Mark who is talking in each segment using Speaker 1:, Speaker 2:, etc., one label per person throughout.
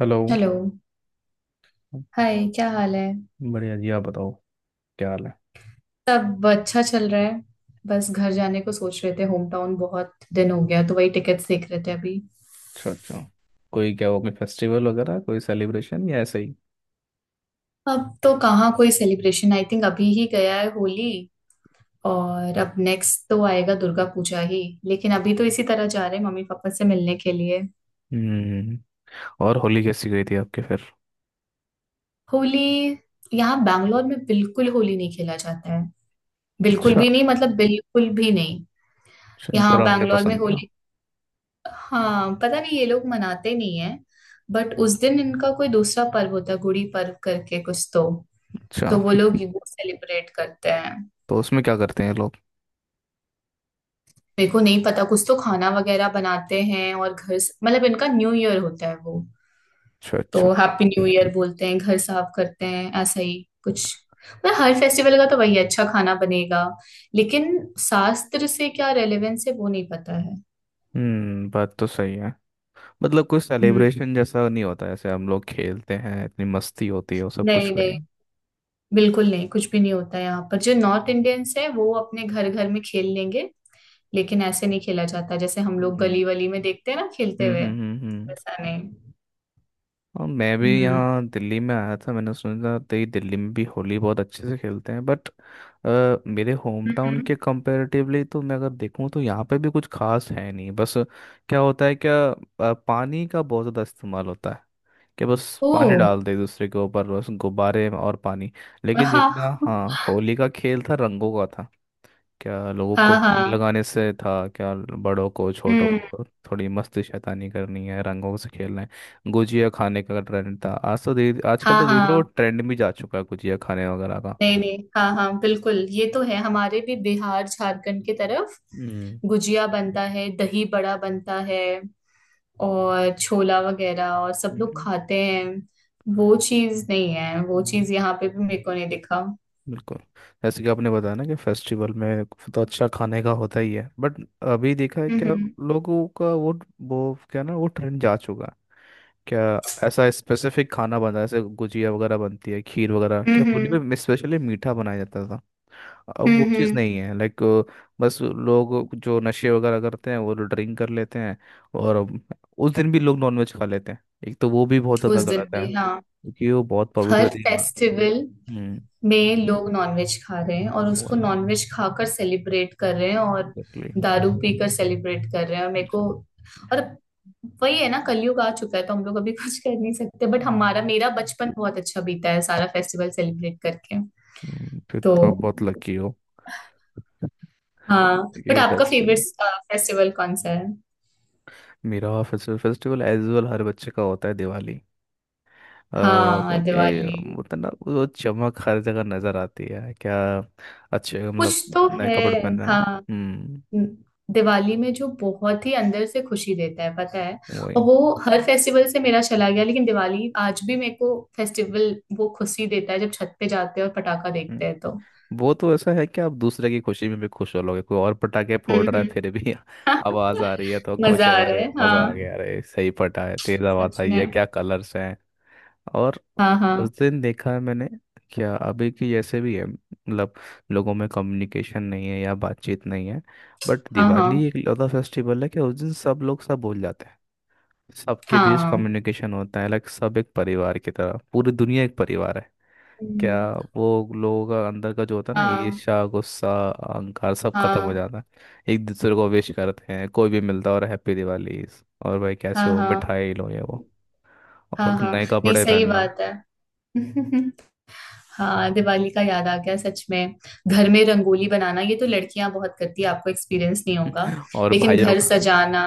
Speaker 1: Hello.
Speaker 2: Hello. Hi, क्या हाल है?
Speaker 1: बढ़िया जी, आप बताओ। क्या हाल है?
Speaker 2: सब अच्छा चल रहा है। बस घर जाने को सोच रहे थे, होम टाउन बहुत दिन हो गया तो वही टिकट्स देख रहे थे अभी।
Speaker 1: अच्छा अच्छा। कोई, क्या वो, कोई फेस्टिवल वगैरह, कोई सेलिब्रेशन या ऐसे ही?
Speaker 2: अब तो कहाँ कोई सेलिब्रेशन, आई थिंक अभी ही गया है होली। और अब नेक्स्ट तो आएगा दुर्गा पूजा ही। लेकिन अभी तो इसी तरह जा रहे हैं, मम्मी पापा से मिलने के लिए।
Speaker 1: हम्म। और होली कैसी गई थी आपके फिर?
Speaker 2: होली। यहाँ बैंगलोर में बिल्कुल होली नहीं खेला जाता है। बिल्कुल
Speaker 1: अच्छा
Speaker 2: भी नहीं, मतलब बिल्कुल भी नहीं।
Speaker 1: अच्छा, इनको
Speaker 2: यहाँ
Speaker 1: रंग नहीं
Speaker 2: बैंगलोर में
Speaker 1: पसंद क्या?
Speaker 2: होली, हाँ पता नहीं, ये लोग मनाते नहीं है। बट उस दिन इनका कोई दूसरा पर्व होता है, गुड़ी पर्व करके कुछ तो।
Speaker 1: अच्छा
Speaker 2: तो वो लोग ये वो सेलिब्रेट करते हैं।
Speaker 1: तो उसमें क्या करते हैं लोग?
Speaker 2: मेरे को नहीं पता, कुछ तो खाना वगैरह बनाते हैं और घर मतलब इनका न्यू ईयर होता है वो।
Speaker 1: अच्छा
Speaker 2: तो
Speaker 1: अच्छा।
Speaker 2: हैप्पी न्यू ईयर बोलते हैं, घर साफ करते हैं, ऐसा ही कुछ। मतलब हर फेस्टिवल का तो वही है, अच्छा खाना बनेगा। लेकिन शास्त्र से क्या रेलेवेंस है, वो नहीं पता है।
Speaker 1: हम्म। बात तो सही है। मतलब, कोई
Speaker 2: हम्म।
Speaker 1: सेलिब्रेशन जैसा नहीं होता, ऐसे हम लोग खेलते हैं, इतनी मस्ती होती है, वो सब कुछ
Speaker 2: नहीं
Speaker 1: करें।
Speaker 2: नहीं, बिल्कुल नहीं, कुछ भी नहीं होता है। यहाँ पर जो नॉर्थ इंडियंस है वो अपने घर घर में खेल लेंगे। लेकिन ऐसे नहीं खेला जाता जैसे हम लोग
Speaker 1: हम्म
Speaker 2: गली वली में देखते हैं ना, खेलते
Speaker 1: हम्म
Speaker 2: हुए,
Speaker 1: हम्म हम्म, हम्म।
Speaker 2: वैसा नहीं।
Speaker 1: और मैं भी
Speaker 2: हम्म,
Speaker 1: यहाँ दिल्ली में आया था, मैंने सुना था तो ये दिल्ली में भी होली बहुत अच्छे से खेलते हैं, बट मेरे होम टाउन
Speaker 2: हम्म।
Speaker 1: के कंपैरेटिवली तो मैं अगर देखूँ तो यहाँ पे भी कुछ खास है नहीं बस। क्या होता है क्या पानी का बहुत ज़्यादा इस्तेमाल होता है कि बस, पानी
Speaker 2: ओ,
Speaker 1: डाल दे एक दूसरे के ऊपर, बस गुब्बारे और पानी। लेकिन
Speaker 2: हाँ,
Speaker 1: जितना, हाँ, होली का खेल था रंगों का था। क्या लोगों
Speaker 2: हाँ,
Speaker 1: को रंग
Speaker 2: हाँ।
Speaker 1: लगाने से था, क्या बड़ों को छोटों
Speaker 2: हम्म।
Speaker 1: को? थोड़ी मस्ती शैतानी करनी है, रंगों से खेलना है, गुजिया खाने का ट्रेंड था। आज तो धीरे आजकल
Speaker 2: हाँ,
Speaker 1: तो धीरे धीरे वो
Speaker 2: हाँ।
Speaker 1: ट्रेंड भी जा चुका है, गुजिया खाने वगैरह का।
Speaker 2: नहीं नहीं, हाँ हाँ, बिल्कुल ये तो है हमारे भी बिहार झारखंड की तरफ।
Speaker 1: हम्म
Speaker 2: गुजिया बनता है, दही बड़ा बनता है, और छोला वगैरह, और सब लोग
Speaker 1: हम्म,
Speaker 2: खाते हैं। वो चीज नहीं है, वो
Speaker 1: हम्म,
Speaker 2: चीज यहाँ पे भी मेरे को नहीं दिखा।
Speaker 1: बिल्कुल। जैसे कि आपने बताया ना, कि फेस्टिवल में तो अच्छा खाने का होता ही है, बट अभी देखा है क्या
Speaker 2: हम्म,
Speaker 1: लोगों का वो क्या ना, वो ट्रेंड जा चुका है क्या? ऐसा स्पेसिफिक खाना बना है, जैसे गुजिया वगैरह बनती है, खीर वगैरह, क्या होली
Speaker 2: हम्म,
Speaker 1: में स्पेशली मीठा बनाया जाता? अब
Speaker 2: हम्म,
Speaker 1: वो चीज़
Speaker 2: हम्म।
Speaker 1: नहीं है, लाइक। बस लोग जो नशे वगैरह करते हैं, वो ड्रिंक कर लेते हैं और उस दिन भी लोग नॉनवेज खा लेते हैं। एक तो वो भी बहुत ज़्यादा
Speaker 2: उस दिन
Speaker 1: गलत है,
Speaker 2: भी हाँ।
Speaker 1: क्योंकि वो बहुत
Speaker 2: हर
Speaker 1: पवित्र दिन है।
Speaker 2: फेस्टिवल
Speaker 1: हम्म।
Speaker 2: में लोग नॉनवेज खा रहे हैं और
Speaker 1: वो
Speaker 2: उसको
Speaker 1: है।
Speaker 2: नॉनवेज खाकर सेलिब्रेट कर रहे हैं, और
Speaker 1: एग्जैक्टली।
Speaker 2: दारू पीकर सेलिब्रेट कर रहे हैं, और मेरे को।
Speaker 1: हम्म,
Speaker 2: और वही है ना, कलयुग आ चुका है तो हम लोग अभी कुछ कर नहीं सकते, बट हमारा मेरा बचपन बहुत अच्छा बीता है, सारा फेस्टिवल सेलिब्रेट करके।
Speaker 1: फिर
Speaker 2: तो
Speaker 1: तो आप बहुत लकी हो
Speaker 2: हाँ। बट
Speaker 1: ये
Speaker 2: आपका फेवरेट
Speaker 1: फेस्टिवल।
Speaker 2: फेस्टिवल कौन सा है?
Speaker 1: मेरा फेस्टिवल, फेस्टिवल एज वेल हर बच्चे का होता है, दिवाली।
Speaker 2: हाँ, दिवाली,
Speaker 1: क्योंकि
Speaker 2: दिवाली।
Speaker 1: होता ना वो चमक हर जगह नजर आती है क्या, अच्छे
Speaker 2: कुछ
Speaker 1: मतलब,
Speaker 2: तो
Speaker 1: नए
Speaker 2: है।
Speaker 1: कपड़े पहनना।
Speaker 2: हाँ,
Speaker 1: हम्म।
Speaker 2: दिवाली में जो बहुत ही अंदर से खुशी देता है, पता है। और
Speaker 1: वही।
Speaker 2: वो हर फेस्टिवल से मेरा चला गया, लेकिन दिवाली आज भी मेरे को फेस्टिवल वो खुशी देता है, जब छत पे जाते हैं और पटाखा देखते
Speaker 1: हम्म,
Speaker 2: हैं तो।
Speaker 1: वो तो ऐसा है कि आप दूसरे की खुशी में भी खुश हो लोगे। कोई और पटाखे
Speaker 2: हम्म,
Speaker 1: फोड़ रहा है
Speaker 2: हम्म।
Speaker 1: फिर भी
Speaker 2: हाँ,
Speaker 1: आवाज आ रही है तो खुश
Speaker 2: मजा आ
Speaker 1: है।
Speaker 2: रहा
Speaker 1: अरे
Speaker 2: है,
Speaker 1: मजा आ
Speaker 2: हाँ।
Speaker 1: गया, अरे सही पटा है, तेज आवाज
Speaker 2: सच
Speaker 1: आई
Speaker 2: में।
Speaker 1: है, क्या कलर्स हैं। और
Speaker 2: हाँ, हाँ,
Speaker 1: उस दिन देखा है मैंने, क्या अभी की जैसे भी है, मतलब लोगों में कम्युनिकेशन नहीं है या बातचीत नहीं है, बट
Speaker 2: हाँ, हाँ,
Speaker 1: दिवाली एक लौता फेस्टिवल है कि उस दिन सब लोग सब भूल जाते हैं। सबके बीच
Speaker 2: हाँ।
Speaker 1: कम्युनिकेशन होता है, लाइक सब एक परिवार की तरह, पूरी दुनिया एक परिवार है। क्या
Speaker 2: हम्म,
Speaker 1: वो, लोगों का अंदर का जो होता है ना,
Speaker 2: हाँ,
Speaker 1: ईर्ष्या, गुस्सा, अहंकार, सब खत्म हो
Speaker 2: हाँ,
Speaker 1: जाता है। एक दूसरे को विश करते हैं, कोई भी मिलता है, और हैप्पी दिवाली, और भाई
Speaker 2: हाँ,
Speaker 1: कैसे
Speaker 2: हाँ,
Speaker 1: हो,
Speaker 2: हाँ,
Speaker 1: मिठाई लो, ये वो,
Speaker 2: हाँ,
Speaker 1: और
Speaker 2: हाँ।
Speaker 1: नए
Speaker 2: नहीं,
Speaker 1: कपड़े
Speaker 2: सही
Speaker 1: पहनना।
Speaker 2: बात है। हाँ, दिवाली का याद आ गया, सच में। घर में रंगोली बनाना, ये तो लड़कियां बहुत करती है, आपको एक्सपीरियंस नहीं होगा।
Speaker 1: और
Speaker 2: लेकिन
Speaker 1: भाइयों
Speaker 2: घर
Speaker 1: का
Speaker 2: सजाना।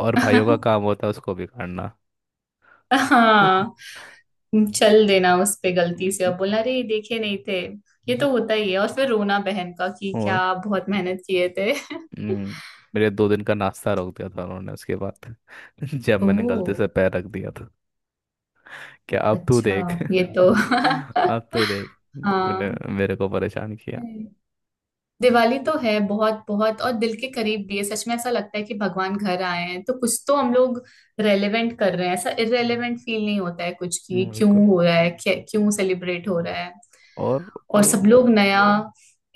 Speaker 1: और भाइयों का काम होता है उसको बिगाड़ना।
Speaker 2: हाँ, चल देना उस पे गलती से और बोलना, अरे ये देखे नहीं थे। ये तो होता ही है, और फिर रोना बहन का कि क्या
Speaker 1: और
Speaker 2: आप बहुत मेहनत किए थे।
Speaker 1: हम्म, मेरे दो दिन का नाश्ता रोक दिया था उन्होंने उसके बाद जब मैंने
Speaker 2: ओह,
Speaker 1: गलती से पैर रख दिया था। क्या, अब तूने
Speaker 2: अच्छा,
Speaker 1: देख,
Speaker 2: ये तो
Speaker 1: अब तू देख, तूने
Speaker 2: हाँ।
Speaker 1: मेरे को परेशान किया।
Speaker 2: दिवाली तो है बहुत बहुत, और दिल के करीब भी है सच में। ऐसा लगता है कि भगवान घर आए हैं, तो कुछ तो हम लोग रेलेवेंट कर रहे हैं, ऐसा
Speaker 1: हम्म,
Speaker 2: इरेलेवेंट फील नहीं होता है कुछ, कि क्यों
Speaker 1: बिल्कुल।
Speaker 2: हो रहा है, क्यों सेलिब्रेट हो रहा है।
Speaker 1: और
Speaker 2: और
Speaker 1: वो।
Speaker 2: सब लोग नया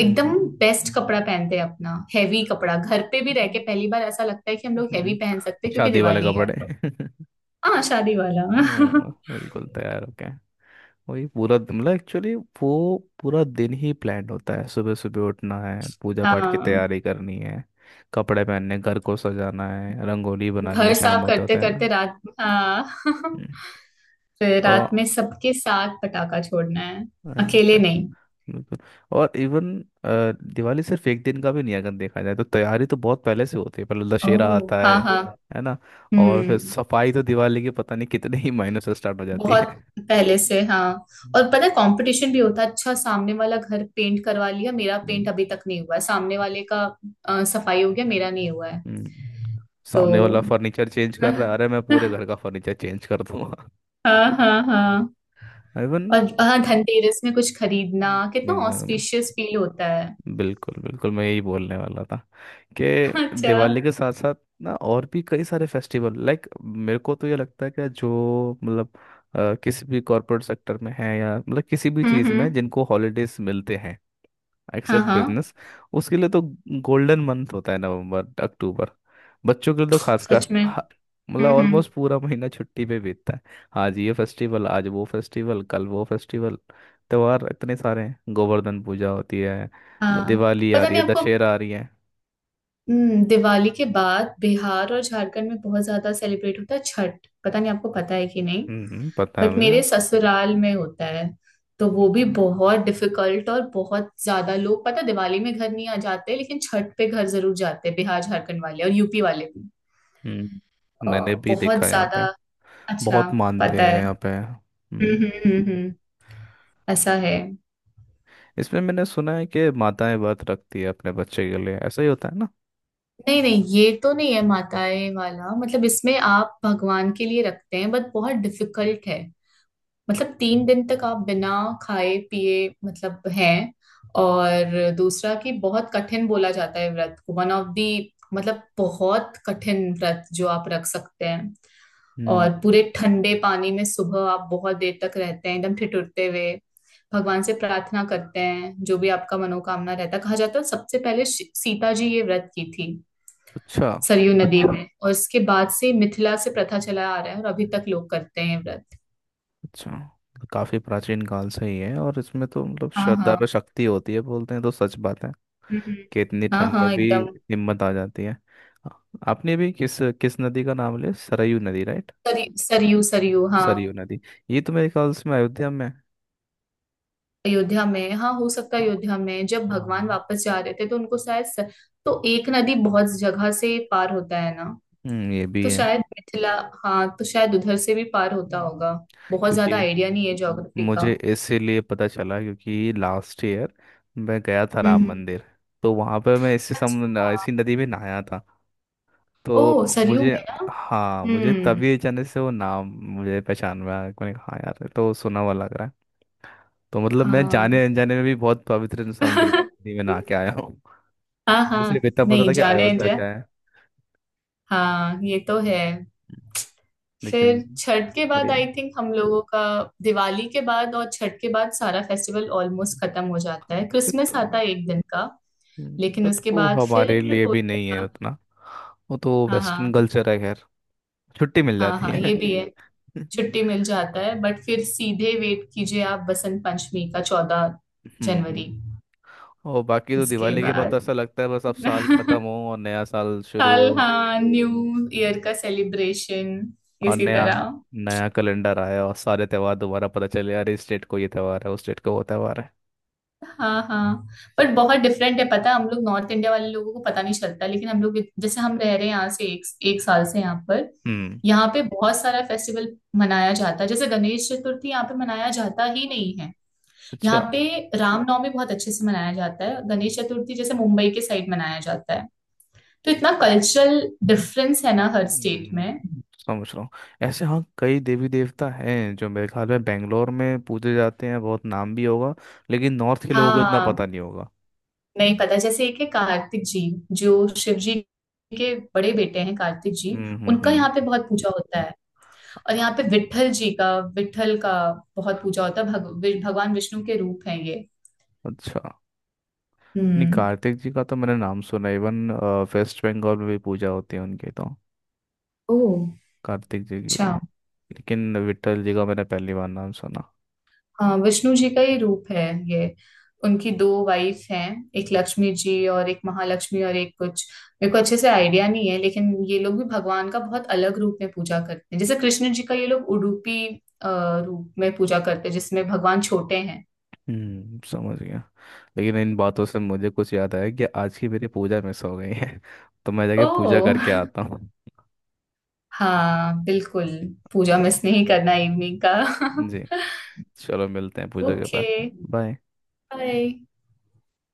Speaker 2: एकदम
Speaker 1: हम्म,
Speaker 2: बेस्ट कपड़ा पहनते हैं अपना, हैवी कपड़ा घर पे भी रह के
Speaker 1: हम्म,
Speaker 2: पहली बार ऐसा लगता है कि हम लोग हैवी
Speaker 1: हम्म,
Speaker 2: पहन सकते हैं, क्योंकि
Speaker 1: शादी वाले
Speaker 2: दिवाली है।
Speaker 1: कपड़े
Speaker 2: हाँ, शादी वाला।
Speaker 1: बिल्कुल तैयार हो गए। वही मतलब एक्चुअली, वो पूरा दिन ही प्लान होता है। सुबह सुबह उठना है, पूजा पाठ की
Speaker 2: हाँ।
Speaker 1: तैयारी करनी है, कपड़े पहनने, घर को सजाना है, रंगोली बनानी
Speaker 2: घर
Speaker 1: है, शाम
Speaker 2: साफ
Speaker 1: होते
Speaker 2: करते
Speaker 1: होते हैं।
Speaker 2: करते रात, हाँ।
Speaker 1: हम्म,
Speaker 2: फिर रात
Speaker 1: और
Speaker 2: में सबके साथ पटाखा छोड़ना है, अकेले
Speaker 1: exactly।
Speaker 2: नहीं।
Speaker 1: बिल्कुल, और इवन दिवाली सिर्फ एक दिन का भी नहीं है, अगर देखा जाए तो तैयारी तो बहुत पहले से होती है, पहले दशहरा
Speaker 2: ओह,
Speaker 1: आता है
Speaker 2: हाँ, हाँ।
Speaker 1: है ना, और फिर
Speaker 2: हम्म।
Speaker 1: सफाई तो दिवाली के पता नहीं कितने ही महीनों से स्टार्ट हो जाती है।
Speaker 2: बहुत पहले से, हाँ।
Speaker 1: हम्म,
Speaker 2: और पता है, कंपटीशन भी होता है। अच्छा, सामने वाला घर पेंट करवा लिया, मेरा पेंट
Speaker 1: हम्म।
Speaker 2: अभी तक नहीं हुआ है सामने वाले का। सफाई हो गया, मेरा नहीं हुआ है।
Speaker 1: हम्म।
Speaker 2: तो
Speaker 1: सामने वाला फर्नीचर चेंज कर रहा है, अरे मैं पूरे
Speaker 2: हाँ,
Speaker 1: घर का फर्नीचर चेंज कर दूंगा।
Speaker 2: हाँ, हाँ।
Speaker 1: इवन,
Speaker 2: और हाँ, धनतेरस में कुछ खरीदना कितना ऑस्पिशियस फील होता है।
Speaker 1: बिल्कुल बिल्कुल, मैं यही बोलने वाला था कि
Speaker 2: अच्छा।
Speaker 1: दिवाली के साथ साथ ना, और भी कई सारे फेस्टिवल, लाइक मेरे को तो ये लगता है कि जो, मतलब किसी भी कॉरपोरेट सेक्टर में है, या मतलब किसी भी
Speaker 2: हम्म,
Speaker 1: चीज़ में
Speaker 2: हम्म।
Speaker 1: जिनको हॉलीडेज मिलते हैं,
Speaker 2: हाँ,
Speaker 1: एक्सेप्ट
Speaker 2: हाँ,
Speaker 1: बिजनेस, उसके लिए तो गोल्डन मंथ होता है नवंबर अक्टूबर। बच्चों के लिए तो खासकर
Speaker 2: सच में। हम्म,
Speaker 1: मतलब
Speaker 2: हम्म।
Speaker 1: ऑलमोस्ट पूरा महीना छुट्टी पे बीतता है। आज ये फेस्टिवल, आज वो फेस्टिवल, कल वो फेस्टिवल, त्योहार इतने सारे हैं, गोवर्धन पूजा होती है,
Speaker 2: हाँ,
Speaker 1: दिवाली आ
Speaker 2: पता
Speaker 1: रही है,
Speaker 2: नहीं आपको।
Speaker 1: दशहरा आ रही है।
Speaker 2: दिवाली के बाद बिहार और झारखंड में बहुत ज्यादा सेलिब्रेट होता है छठ, पता नहीं आपको पता है कि नहीं।
Speaker 1: हम्म, पता है
Speaker 2: बट
Speaker 1: मुझे।
Speaker 2: मेरे ससुराल में होता है। तो वो भी
Speaker 1: अच्छा।
Speaker 2: बहुत डिफिकल्ट, और बहुत ज्यादा लोग पता है, दिवाली में घर नहीं आ जाते लेकिन छठ पे घर जरूर जाते हैं, बिहार झारखंड वाले और यूपी वाले भी।
Speaker 1: हम्म।
Speaker 2: अ,
Speaker 1: मैंने भी देखा
Speaker 2: बहुत
Speaker 1: है यहाँ पे,
Speaker 2: ज्यादा। अच्छा।
Speaker 1: बहुत मानते
Speaker 2: पता
Speaker 1: हैं
Speaker 2: है।
Speaker 1: यहाँ पे।
Speaker 2: हम्म,
Speaker 1: हम्म।
Speaker 2: हम्म, हम्म, ऐसा है।
Speaker 1: इसमें मैंने सुना है कि माताएं व्रत रखती है अपने बच्चे के लिए, ऐसा ही होता है ना?
Speaker 2: नहीं नहीं, ये तो नहीं है माताएं वाला, मतलब इसमें आप भगवान के लिए रखते हैं, बट बहुत डिफिकल्ट है। मतलब, 3 दिन तक आप बिना खाए पिए मतलब हैं। और दूसरा कि बहुत कठिन बोला जाता है व्रत को, वन ऑफ दी, मतलब बहुत कठिन व्रत जो आप रख सकते हैं। और
Speaker 1: हम्म।
Speaker 2: पूरे ठंडे पानी में सुबह आप बहुत देर तक रहते हैं, एकदम ठिठुरते हुए। भगवान से प्रार्थना करते हैं, जो भी आपका मनोकामना रहता है। कहा जाता है सबसे पहले सीता जी ये व्रत की थी।
Speaker 1: अच्छा।
Speaker 2: सरयू नदी, अच्छा, में और इसके बाद से मिथिला से प्रथा चला आ रहा है, और अभी तक लोग करते हैं ये व्रत।
Speaker 1: अच्छा, काफी प्राचीन काल से ही है। और इसमें तो मतलब
Speaker 2: हाँ,
Speaker 1: श्रद्धा
Speaker 2: हाँ।
Speaker 1: पे शक्ति होती है बोलते हैं, तो सच बात है
Speaker 2: हम्म,
Speaker 1: कि इतनी
Speaker 2: हाँ,
Speaker 1: ठंड में
Speaker 2: हाँ,
Speaker 1: भी
Speaker 2: एकदम।
Speaker 1: हिम्मत आ जाती है। आ- आपने भी किस किस नदी का नाम लिया, सरयू नदी राइट?
Speaker 2: सरयू, सरयू, सरयू, हाँ।
Speaker 1: सरयू नदी, ये तो मेरे ख्याल से में अयोध्या में है।
Speaker 2: अयोध्या में हाँ, हो सकता है।
Speaker 1: हाँ
Speaker 2: अयोध्या में जब भगवान
Speaker 1: हाँ।
Speaker 2: वापस जा रहे थे तो उनको शायद तो एक नदी बहुत जगह से पार होता है ना।
Speaker 1: हम्म, ये भी
Speaker 2: तो
Speaker 1: है।
Speaker 2: शायद मिथिला। हाँ, तो शायद उधर से भी पार होता
Speaker 1: हम्म।
Speaker 2: होगा। बहुत ज्यादा
Speaker 1: क्योंकि
Speaker 2: आइडिया नहीं है ज्योग्राफी का।
Speaker 1: मुझे इसीलिए पता चला क्योंकि लास्ट ईयर मैं गया था
Speaker 2: हम्म,
Speaker 1: राम मंदिर, तो वहां पर मैं
Speaker 2: अच्छा, हाँ।
Speaker 1: इसी नदी में नहाया था।
Speaker 2: ओ,
Speaker 1: तो
Speaker 2: सरयू
Speaker 1: मुझे
Speaker 2: में ना।
Speaker 1: हाँ, मुझे
Speaker 2: हम्म,
Speaker 1: तभी अचानक से वो नाम, मुझे पहचान में आया। मैंने कहा हाँ यार, ये तो सुना हुआ लग रहा है। तो मतलब मैं
Speaker 2: हाँ।
Speaker 1: जाने अनजाने में भी बहुत पवित्र समुद्र नदी में नहा के आया हूँ।
Speaker 2: हाँ,
Speaker 1: मुझे
Speaker 2: हाँ,
Speaker 1: सिर्फ इतना पता
Speaker 2: नहीं
Speaker 1: था कि
Speaker 2: जाने
Speaker 1: अयोध्या
Speaker 2: जा।
Speaker 1: का है,
Speaker 2: हाँ, ये तो है।
Speaker 1: लेकिन।
Speaker 2: फिर छठ के बाद
Speaker 1: बढ़िया है।
Speaker 2: आई थिंक हम लोगों का, दिवाली के बाद और छठ के बाद सारा फेस्टिवल ऑलमोस्ट खत्म हो जाता है। क्रिसमस
Speaker 1: तो,
Speaker 2: आता है एक दिन का, लेकिन
Speaker 1: बट
Speaker 2: उसके
Speaker 1: वो
Speaker 2: बाद फिर
Speaker 1: हमारे लिए भी
Speaker 2: होली
Speaker 1: नहीं है
Speaker 2: का।
Speaker 1: उतना, वो तो
Speaker 2: हाँ,
Speaker 1: वेस्टर्न
Speaker 2: हाँ,
Speaker 1: कल्चर है, खैर छुट्टी मिल
Speaker 2: हाँ,
Speaker 1: जाती
Speaker 2: हाँ,
Speaker 1: है।
Speaker 2: ये भी है। छुट्टी मिल जाता है, बट फिर सीधे वेट कीजिए आप, बसंत पंचमी का चौदह
Speaker 1: हम्म।
Speaker 2: जनवरी
Speaker 1: और बाकी तो
Speaker 2: उसके
Speaker 1: दिवाली के बाद तो
Speaker 2: बाद
Speaker 1: ऐसा लगता है बस अब साल खत्म हो और नया साल शुरू
Speaker 2: साल,
Speaker 1: हो।
Speaker 2: हाँ, न्यू ईयर
Speaker 1: हम्म,
Speaker 2: का सेलिब्रेशन,
Speaker 1: और
Speaker 2: इसी
Speaker 1: नया,
Speaker 2: तरह।
Speaker 1: नया कैलेंडर आया और सारे त्योहार दोबारा पता चले, अरे इस डेट को ये त्योहार है, उस डेट को वो त्योहार है।
Speaker 2: हाँ, हाँ, पर बहुत डिफरेंट है, पता है। हम लोग नॉर्थ इंडिया वाले लोगों को पता नहीं चलता, लेकिन हम लोग जैसे हम रह रहे हैं यहाँ से, एक एक साल से यहाँ पर।
Speaker 1: हम्म।
Speaker 2: यहाँ पे बहुत सारा फेस्टिवल मनाया जाता है, जैसे गणेश चतुर्थी यहाँ पे मनाया जाता ही नहीं है। यहाँ
Speaker 1: अच्छा।
Speaker 2: पे रामनवमी बहुत अच्छे से मनाया जाता है। गणेश चतुर्थी जैसे मुंबई के साइड मनाया जाता है। तो इतना कल्चरल डिफरेंस है ना हर स्टेट
Speaker 1: हम्म,
Speaker 2: में।
Speaker 1: समझ रहा हूँ। ऐसे हाँ, कई देवी देवता हैं जो मेरे ख्याल में बेंगलोर में पूजे जाते हैं, बहुत नाम भी होगा, लेकिन नॉर्थ के लोगों को इतना
Speaker 2: हाँ,
Speaker 1: पता नहीं होगा।
Speaker 2: नहीं पता। जैसे एक है कार्तिक जी, जो शिव जी के बड़े बेटे हैं, कार्तिक जी। उनका
Speaker 1: हम्म।
Speaker 2: यहाँ पे बहुत पूजा होता है। और यहाँ पे विट्ठल जी का, विट्ठल का बहुत पूजा होता है। भगवान विष्णु के रूप हैं ये।
Speaker 1: अच्छा। नहीं,
Speaker 2: हम्म।
Speaker 1: कार्तिक जी का तो मैंने नाम सुना। इवन वेस्ट बंगाल में भी पूजा होती है उनकी तो,
Speaker 2: ओह,
Speaker 1: कार्तिक जी की तो।
Speaker 2: अच्छा।
Speaker 1: लेकिन विट्ठल जी का मैंने पहली बार नाम सुना।
Speaker 2: हाँ, विष्णु जी का ही रूप है ये। उनकी दो वाइफ हैं, एक लक्ष्मी जी और एक महालक्ष्मी और एक कुछ, मेरे को अच्छे से आइडिया नहीं है, लेकिन ये लोग भी भगवान का बहुत अलग रूप में पूजा करते हैं। जैसे कृष्ण जी का ये लोग उडुपी अ, रूप में पूजा करते हैं, जिसमें भगवान छोटे हैं।
Speaker 1: हम्म, समझ गया। लेकिन इन बातों से मुझे कुछ याद आया कि आज की मेरी पूजा मिस हो गई है तो मैं
Speaker 2: ओ,
Speaker 1: जाके पूजा करके आता हूँ।
Speaker 2: हाँ, बिल्कुल। पूजा
Speaker 1: तो
Speaker 2: मिस नहीं करना इवनिंग का।
Speaker 1: जी, चलो मिलते हैं पूजा के
Speaker 2: ओके।
Speaker 1: बाद। बाय।
Speaker 2: Bye.